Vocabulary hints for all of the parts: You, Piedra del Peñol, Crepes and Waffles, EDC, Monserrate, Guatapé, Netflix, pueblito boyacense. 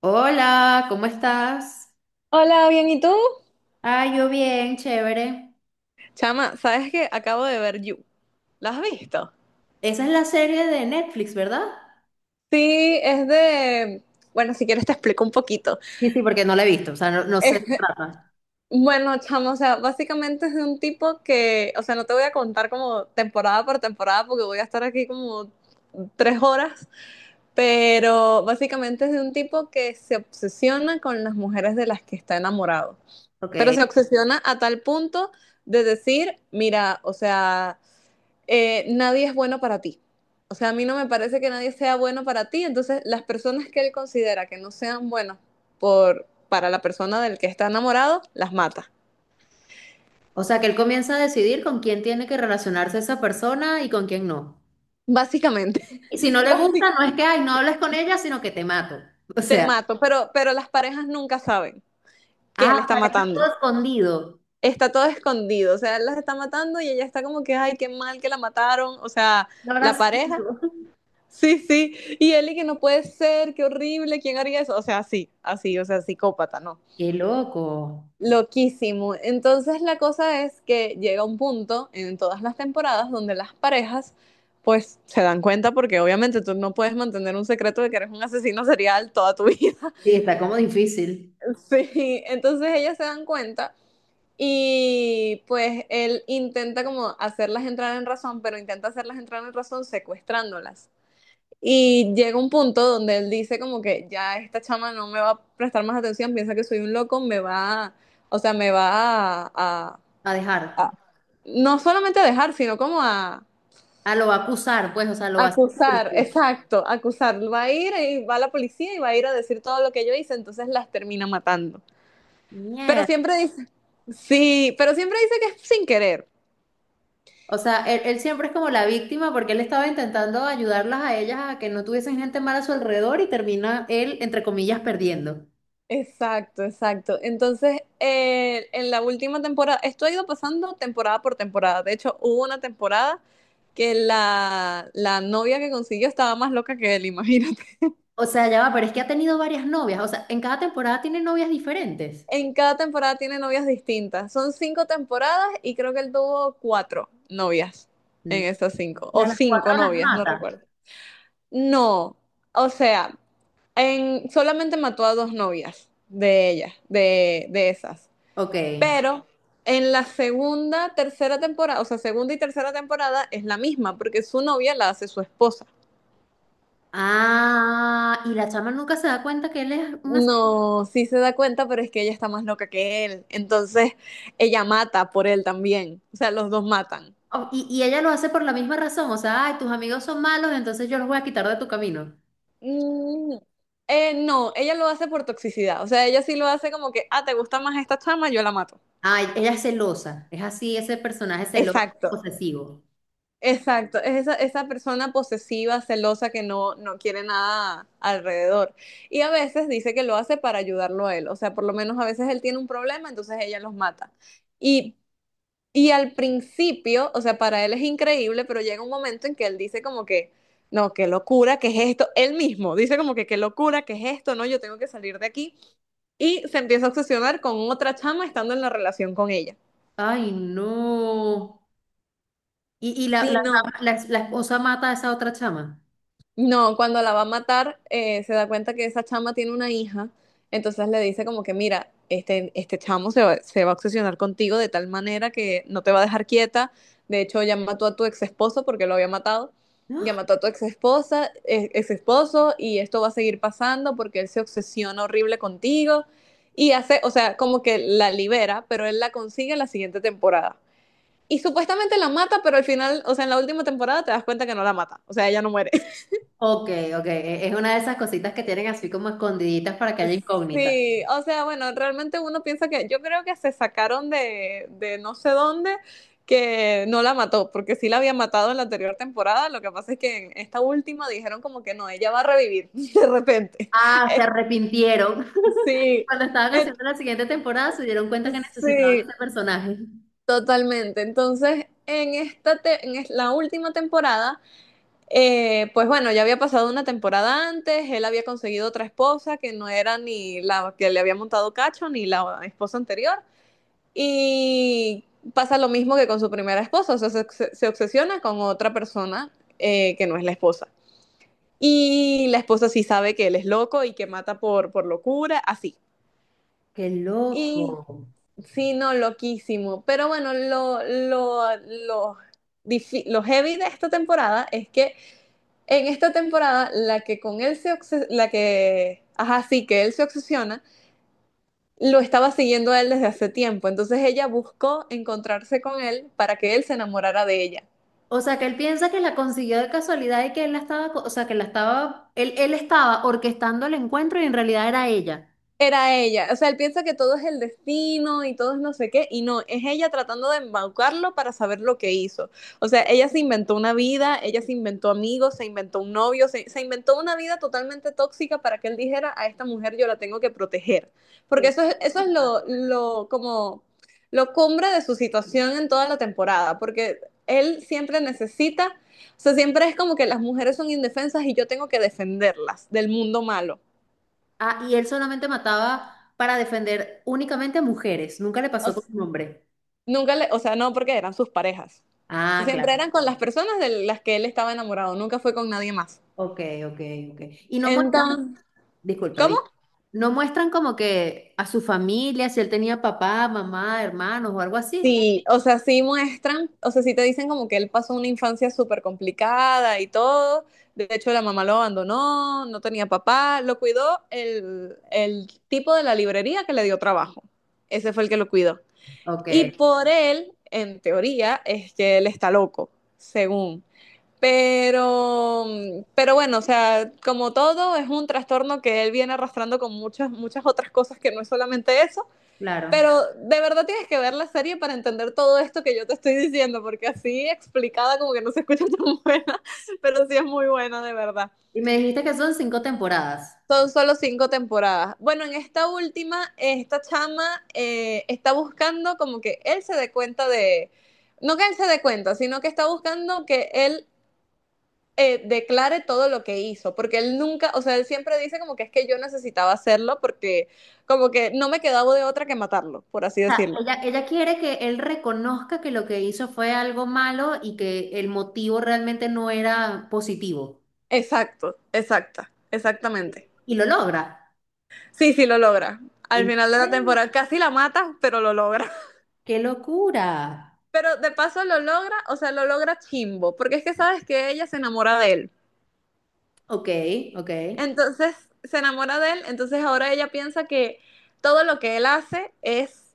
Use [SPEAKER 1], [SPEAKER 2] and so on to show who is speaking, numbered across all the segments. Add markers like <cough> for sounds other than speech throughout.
[SPEAKER 1] Hola, ¿cómo estás?
[SPEAKER 2] Hola, bien, ¿y tú?
[SPEAKER 1] Ah, yo bien, chévere.
[SPEAKER 2] Chama, ¿sabes qué? Acabo de ver You. ¿La has visto?
[SPEAKER 1] Esa es la serie de Netflix, ¿verdad?
[SPEAKER 2] Sí, es de... Bueno, si quieres te explico un poquito.
[SPEAKER 1] Sí, sí, porque no la he visto, o sea, no sé de qué
[SPEAKER 2] eh,
[SPEAKER 1] trata.
[SPEAKER 2] bueno, chamo, o sea, básicamente es de un tipo que, o sea, no te voy a contar como temporada por temporada porque voy a estar aquí como 3 horas, pero básicamente es de un tipo que se obsesiona con las mujeres de las que está enamorado, pero
[SPEAKER 1] Ok.
[SPEAKER 2] se obsesiona a tal punto de decir, mira, o sea... nadie es bueno para ti. O sea, a mí no me parece que nadie sea bueno para ti. Entonces, las personas que él considera que no sean buenas por, para la persona del que está enamorado, las mata.
[SPEAKER 1] O sea, que él comienza a decidir con quién tiene que relacionarse esa persona y con quién no.
[SPEAKER 2] Básicamente,
[SPEAKER 1] Y si
[SPEAKER 2] <laughs>
[SPEAKER 1] no le gusta,
[SPEAKER 2] básicamente
[SPEAKER 1] no es que, ay, no hables con ella, sino que te mato. <laughs> O
[SPEAKER 2] te
[SPEAKER 1] sea,
[SPEAKER 2] mato. Pero las parejas nunca saben que
[SPEAKER 1] ah,
[SPEAKER 2] él
[SPEAKER 1] o
[SPEAKER 2] está
[SPEAKER 1] sea, que está
[SPEAKER 2] matando.
[SPEAKER 1] todo escondido.
[SPEAKER 2] Está todo escondido. O sea, él las está matando y ella está como que, ay, qué mal que la mataron. O sea,
[SPEAKER 1] No
[SPEAKER 2] la
[SPEAKER 1] habrá
[SPEAKER 2] pareja.
[SPEAKER 1] sido.
[SPEAKER 2] Sí, sí. Y él y que no puede ser, qué horrible, ¿quién haría eso? O sea, así, así, o sea, psicópata, ¿no?
[SPEAKER 1] Qué loco.
[SPEAKER 2] Loquísimo. Entonces la cosa es que llega un punto en todas las temporadas donde las parejas pues se dan cuenta porque obviamente tú no puedes mantener un secreto de que eres un asesino serial toda tu vida.
[SPEAKER 1] Sí,
[SPEAKER 2] <laughs>
[SPEAKER 1] está como difícil
[SPEAKER 2] Sí, entonces ellas se dan cuenta y pues él intenta como hacerlas entrar en razón, pero intenta hacerlas entrar en razón secuestrándolas. Y llega un punto donde él dice como que ya esta chama no me va a prestar más atención, piensa que soy un loco, me va, o sea, me va a,
[SPEAKER 1] a dejar.
[SPEAKER 2] a- no solamente a dejar, sino como a
[SPEAKER 1] Ah, lo va a acusar, pues, o sea, lo va a hacer
[SPEAKER 2] acusar,
[SPEAKER 1] público.
[SPEAKER 2] exacto, acusar. Va a ir y va la policía y va a ir a decir todo lo que yo hice, entonces las termina matando. Pero siempre dice, sí, pero siempre dice que es sin querer.
[SPEAKER 1] O sea, él siempre es como la víctima porque él estaba intentando ayudarlas a ellas a que no tuviesen gente mala a su alrededor y termina él, entre comillas, perdiendo.
[SPEAKER 2] Exacto, exacto. Entonces, en la última temporada, esto ha ido pasando temporada por temporada. De hecho, hubo una temporada que la novia que consiguió estaba más loca que él, <laughs> imagínate.
[SPEAKER 1] O sea, ya va, pero es que ha tenido varias novias. O sea, en cada temporada tiene novias diferentes.
[SPEAKER 2] En cada temporada tiene novias distintas. Son cinco temporadas y creo que él tuvo cuatro novias
[SPEAKER 1] Mm.
[SPEAKER 2] en esas cinco,
[SPEAKER 1] Y
[SPEAKER 2] o
[SPEAKER 1] a las cuatro
[SPEAKER 2] cinco
[SPEAKER 1] las
[SPEAKER 2] novias, no
[SPEAKER 1] mata.
[SPEAKER 2] recuerdo. No, o sea, solamente mató a dos novias de ellas, de esas.
[SPEAKER 1] Ok.
[SPEAKER 2] Pero en la segunda, tercera temporada, o sea, segunda y tercera temporada es la misma, porque su novia la hace su esposa.
[SPEAKER 1] Ah, y la chama nunca se da cuenta que él es una...
[SPEAKER 2] No, sí se da cuenta, pero es que ella está más loca que él. Entonces, ella mata por él también. O sea, los dos matan.
[SPEAKER 1] o- Y ella lo hace por la misma razón. O sea, ay, tus amigos son malos, entonces yo los voy a quitar de tu camino.
[SPEAKER 2] Mm, no, ella lo hace por toxicidad. O sea, ella sí lo hace como que, ah, te gusta más esta chama, yo la mato.
[SPEAKER 1] Ay, ella es celosa. Es así, ese personaje celoso,
[SPEAKER 2] Exacto,
[SPEAKER 1] posesivo.
[SPEAKER 2] exacto. Es esa, esa persona posesiva, celosa, que no, no quiere nada alrededor. Y a veces dice que lo hace para ayudarlo a él. O sea, por lo menos a veces él tiene un problema, entonces ella los mata. Y, y al principio, o sea, para él es increíble, pero llega un momento en que él dice como que, no, qué locura, qué es esto. Él mismo dice como que, qué locura, qué es esto, no, yo tengo que salir de aquí. Y se empieza a obsesionar con otra chama estando en la relación con ella.
[SPEAKER 1] Ay, no. Y la,
[SPEAKER 2] Sí,
[SPEAKER 1] la,
[SPEAKER 2] no.
[SPEAKER 1] chama- la esposa mata a esa otra chama?
[SPEAKER 2] No, cuando la va a matar, se da cuenta que esa chama tiene una hija, entonces le dice como que, mira, este chamo se va a obsesionar contigo de tal manera que no te va a dejar quieta, de hecho ya mató a tu ex esposo porque lo había matado,
[SPEAKER 1] <gasps>
[SPEAKER 2] ya
[SPEAKER 1] ¡Ah!
[SPEAKER 2] mató a tu ex esposa, ex esposo, y esto va a seguir pasando porque él se obsesiona horrible contigo, y hace, o sea, como que la libera, pero él la consigue en la siguiente temporada. Y supuestamente la mata, pero al final, o sea, en la última temporada te das cuenta que no la mata, o sea, ella no muere. <laughs>
[SPEAKER 1] Ok, ok. e- Es una de esas cositas que tienen así como escondiditas para que haya incógnita.
[SPEAKER 2] Sí, o sea, bueno, realmente uno piensa que yo creo que se sacaron de, no sé dónde que no la mató, porque sí la había matado en la anterior temporada, lo que pasa es que en esta última dijeron como que no, ella va a revivir <laughs> de repente.
[SPEAKER 1] Ah, se
[SPEAKER 2] Eh,
[SPEAKER 1] arrepintieron. <laughs>
[SPEAKER 2] sí,
[SPEAKER 1] Cuando estaban
[SPEAKER 2] eh,
[SPEAKER 1] haciendo la siguiente temporada se dieron cuenta que necesitaban
[SPEAKER 2] sí,
[SPEAKER 1] ese personaje.
[SPEAKER 2] totalmente. Entonces, en esta te- en es- la última temporada. Pues bueno, ya había pasado una temporada antes, él había conseguido otra esposa que no era ni la que le había montado cacho, ni la esposa anterior. Y pasa lo mismo que con su primera esposa, o sea, se obsesiona con otra persona que no es la esposa. Y la esposa sí sabe que él es loco y que mata por locura, así.
[SPEAKER 1] Qué
[SPEAKER 2] Y
[SPEAKER 1] loco.
[SPEAKER 2] sí, no, loquísimo. Pero bueno, lo heavy de esta temporada es que en esta temporada, la que, ajá, sí, que él se obsesiona, lo estaba siguiendo a él desde hace tiempo. Entonces ella buscó encontrarse con él para que él se enamorara de ella.
[SPEAKER 1] O sea, que él piensa que la consiguió de casualidad y que él la estaba, co- o sea, que la estaba, él estaba orquestando el encuentro y en realidad era ella.
[SPEAKER 2] Era ella. O sea, él piensa que todo es el destino y todo es no sé qué, y no, es ella tratando de embaucarlo para saber lo que hizo. O sea, ella se inventó una vida, ella se inventó amigos, se inventó un novio, se inventó una vida totalmente tóxica para que él dijera, a esta mujer yo la tengo que proteger. Porque
[SPEAKER 1] Qué
[SPEAKER 2] eso es lo cumbre de su situación en toda la temporada, porque él siempre necesita, o sea, siempre es como que las mujeres son indefensas y yo tengo que defenderlas del mundo malo.
[SPEAKER 1] ah, y él solamente mataba para defender únicamente a mujeres, nunca le pasó con un hombre.
[SPEAKER 2] Nunca le, o sea, no, porque eran sus parejas.
[SPEAKER 1] Ah,
[SPEAKER 2] Siempre
[SPEAKER 1] claro.
[SPEAKER 2] eran con las personas de las que él estaba enamorado, nunca fue con nadie más.
[SPEAKER 1] Ok, ok, ok. Y no muestran,
[SPEAKER 2] Entonces,
[SPEAKER 1] disculpa,
[SPEAKER 2] ¿cómo?
[SPEAKER 1] di- no muestran como que a su familia, si él tenía papá, mamá, hermanos o algo así.
[SPEAKER 2] Sí, o sea, sí muestran, o sea, sí te dicen como que él pasó una infancia súper complicada y todo. De hecho, la mamá lo abandonó, no tenía papá, lo cuidó el tipo de la librería que le dio trabajo. Ese fue el que lo cuidó.
[SPEAKER 1] Ok,
[SPEAKER 2] Y por él, en teoría, es que él está loco, según. Pero bueno, o sea, como todo, es un trastorno que él viene arrastrando con muchas, muchas otras cosas que no es solamente eso.
[SPEAKER 1] claro.
[SPEAKER 2] Pero de verdad tienes que ver la serie para entender todo esto que yo te estoy diciendo, porque así explicada como que no se escucha <laughs> tan buena, pero sí es muy buena de verdad.
[SPEAKER 1] Y me dijiste que son 5 temporadas.
[SPEAKER 2] Son solo cinco temporadas. Bueno, en esta última, esta chama está buscando como que él se dé cuenta de, no que él se dé cuenta, sino que está buscando que él declare todo lo que hizo, porque él nunca, o sea, él siempre dice como que es que yo necesitaba hacerlo porque como que no me quedaba de otra que matarlo, por así
[SPEAKER 1] O sea,
[SPEAKER 2] decirlo.
[SPEAKER 1] ella quiere que él reconozca que lo que hizo fue algo malo y que el motivo realmente no era positivo.
[SPEAKER 2] Exacto, exacta, exactamente.
[SPEAKER 1] Y lo logra.
[SPEAKER 2] Sí, sí, lo logra. Al
[SPEAKER 1] ¿En
[SPEAKER 2] final de la
[SPEAKER 1] serio?
[SPEAKER 2] temporada casi la mata, pero lo logra. <laughs>
[SPEAKER 1] ¡Qué locura!
[SPEAKER 2] Pero de paso lo logra, o sea, lo logra chimbo, porque es que sabes que ella se enamora de él.
[SPEAKER 1] Ok, ok.
[SPEAKER 2] Entonces se enamora de él, entonces ahora ella piensa que todo lo que él hace es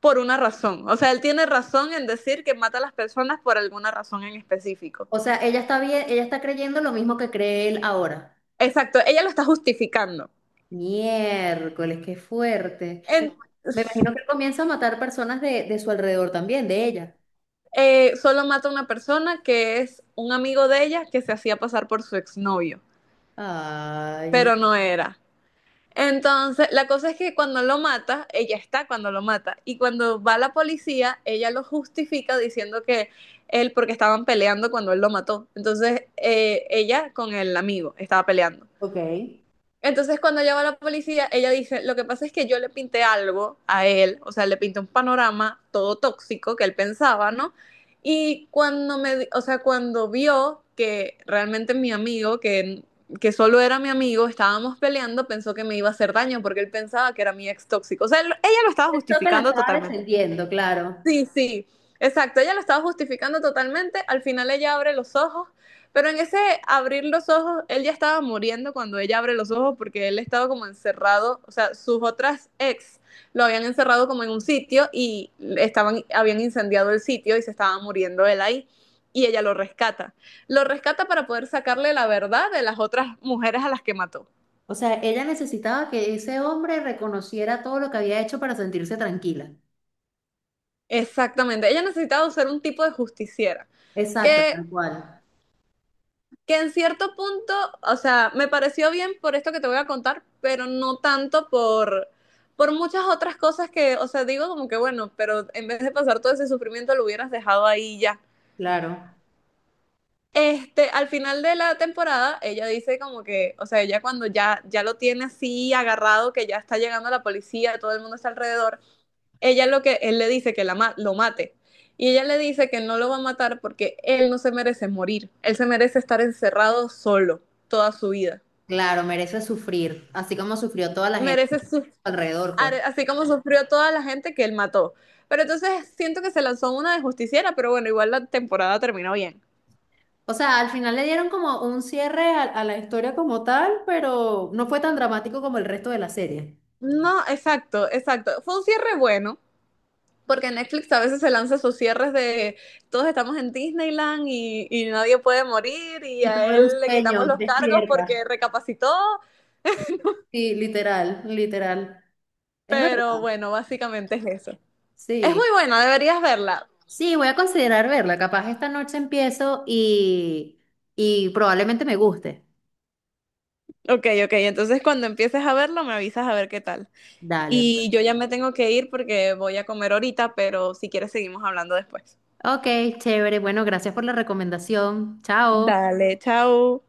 [SPEAKER 2] por una razón. O sea, él tiene razón en decir que mata a las personas por alguna razón en específico.
[SPEAKER 1] O sea, ella está bien, ella está creyendo lo mismo que cree él ahora.
[SPEAKER 2] Exacto, ella lo está justificando.
[SPEAKER 1] Miércoles, qué fuerte.
[SPEAKER 2] En-
[SPEAKER 1] Me imagino que él comienza a matar personas de su alrededor también, de ella.
[SPEAKER 2] Solo mata a una persona que es un amigo de ella que se hacía pasar por su exnovio,
[SPEAKER 1] Ay,
[SPEAKER 2] pero no era. Entonces, la cosa es que cuando lo mata, ella está cuando lo mata, y cuando va la policía, ella lo justifica diciendo que él, porque estaban peleando cuando él lo mató. Entonces, ella con el amigo estaba peleando.
[SPEAKER 1] ok. Creo
[SPEAKER 2] Entonces cuando llama a la policía, ella dice, lo que pasa es que yo le pinté algo a él, o sea, le pinté un panorama todo tóxico que él pensaba, ¿no? Y cuando me, o sea, cuando vio que realmente mi amigo, que solo era mi amigo, estábamos peleando, pensó que me iba a hacer daño porque él pensaba que era mi ex tóxico. O sea, ella lo estaba
[SPEAKER 1] que la
[SPEAKER 2] justificando.
[SPEAKER 1] estaba defendiendo, claro.
[SPEAKER 2] Sí, sí, exacto. Ella lo estaba justificando totalmente. Al final ella abre los ojos, pero en ese abrir los ojos, él ya estaba muriendo cuando ella abre los ojos porque él estaba como encerrado, o sea, sus otras ex lo habían encerrado como en un sitio y estaban, habían incendiado el sitio y se estaba muriendo él ahí. Y ella lo rescata. Lo rescata para poder sacarle la verdad de las otras mujeres a las que mató.
[SPEAKER 1] O sea, ella necesitaba que ese hombre reconociera todo lo que había hecho para sentirse tranquila.
[SPEAKER 2] Exactamente. Ella necesitaba ser un tipo de justiciera.
[SPEAKER 1] Exacto,
[SPEAKER 2] Que
[SPEAKER 1] tal cual.
[SPEAKER 2] que en cierto punto, o sea, me pareció bien por esto que te voy a contar, pero no tanto por, muchas otras cosas que, o sea, digo como que bueno, pero en vez de pasar todo ese sufrimiento lo hubieras dejado ahí ya.
[SPEAKER 1] Claro,
[SPEAKER 2] Este, al final de la temporada, ella dice como que, o sea, ella cuando ya, ya lo tiene así agarrado, que ya está llegando la policía, todo el mundo está alrededor, él le dice que la ma lo mate. Y ella le dice que no lo va a matar porque él no se merece morir, él se merece estar encerrado solo toda su vida.
[SPEAKER 1] claro, merece sufrir, así como sufrió toda la gente
[SPEAKER 2] Merece su-
[SPEAKER 1] alrededor, pues.
[SPEAKER 2] are- así como sufrió toda la gente que él mató. Pero entonces siento que se lanzó una de justiciera, pero bueno, igual la temporada terminó bien.
[SPEAKER 1] O sea, al final le dieron como un cierre a la historia como tal, pero no fue tan dramático como el resto de la serie.
[SPEAKER 2] No, exacto, exacto. Fue un cierre bueno, porque Netflix a veces se lanza sus cierres de todos estamos en Disneyland y nadie puede morir y
[SPEAKER 1] Y todo
[SPEAKER 2] a
[SPEAKER 1] era un
[SPEAKER 2] él le quitamos
[SPEAKER 1] sueño,
[SPEAKER 2] los cargos
[SPEAKER 1] despierta.
[SPEAKER 2] porque recapacitó,
[SPEAKER 1] Sí, literal, literal. Es verdad.
[SPEAKER 2] pero bueno, básicamente es eso. Es muy
[SPEAKER 1] Sí.
[SPEAKER 2] buena, deberías verla.
[SPEAKER 1] Sí, voy a considerar verla. Capaz esta noche empiezo y probablemente me guste.
[SPEAKER 2] Ok, ok, entonces cuando empieces a verlo me avisas a ver qué tal.
[SPEAKER 1] Dale.
[SPEAKER 2] Y yo ya me tengo que ir porque voy a comer ahorita, pero si quieres seguimos hablando después.
[SPEAKER 1] Ok, chévere. Bueno, gracias por la recomendación. Chao.
[SPEAKER 2] Dale, chao.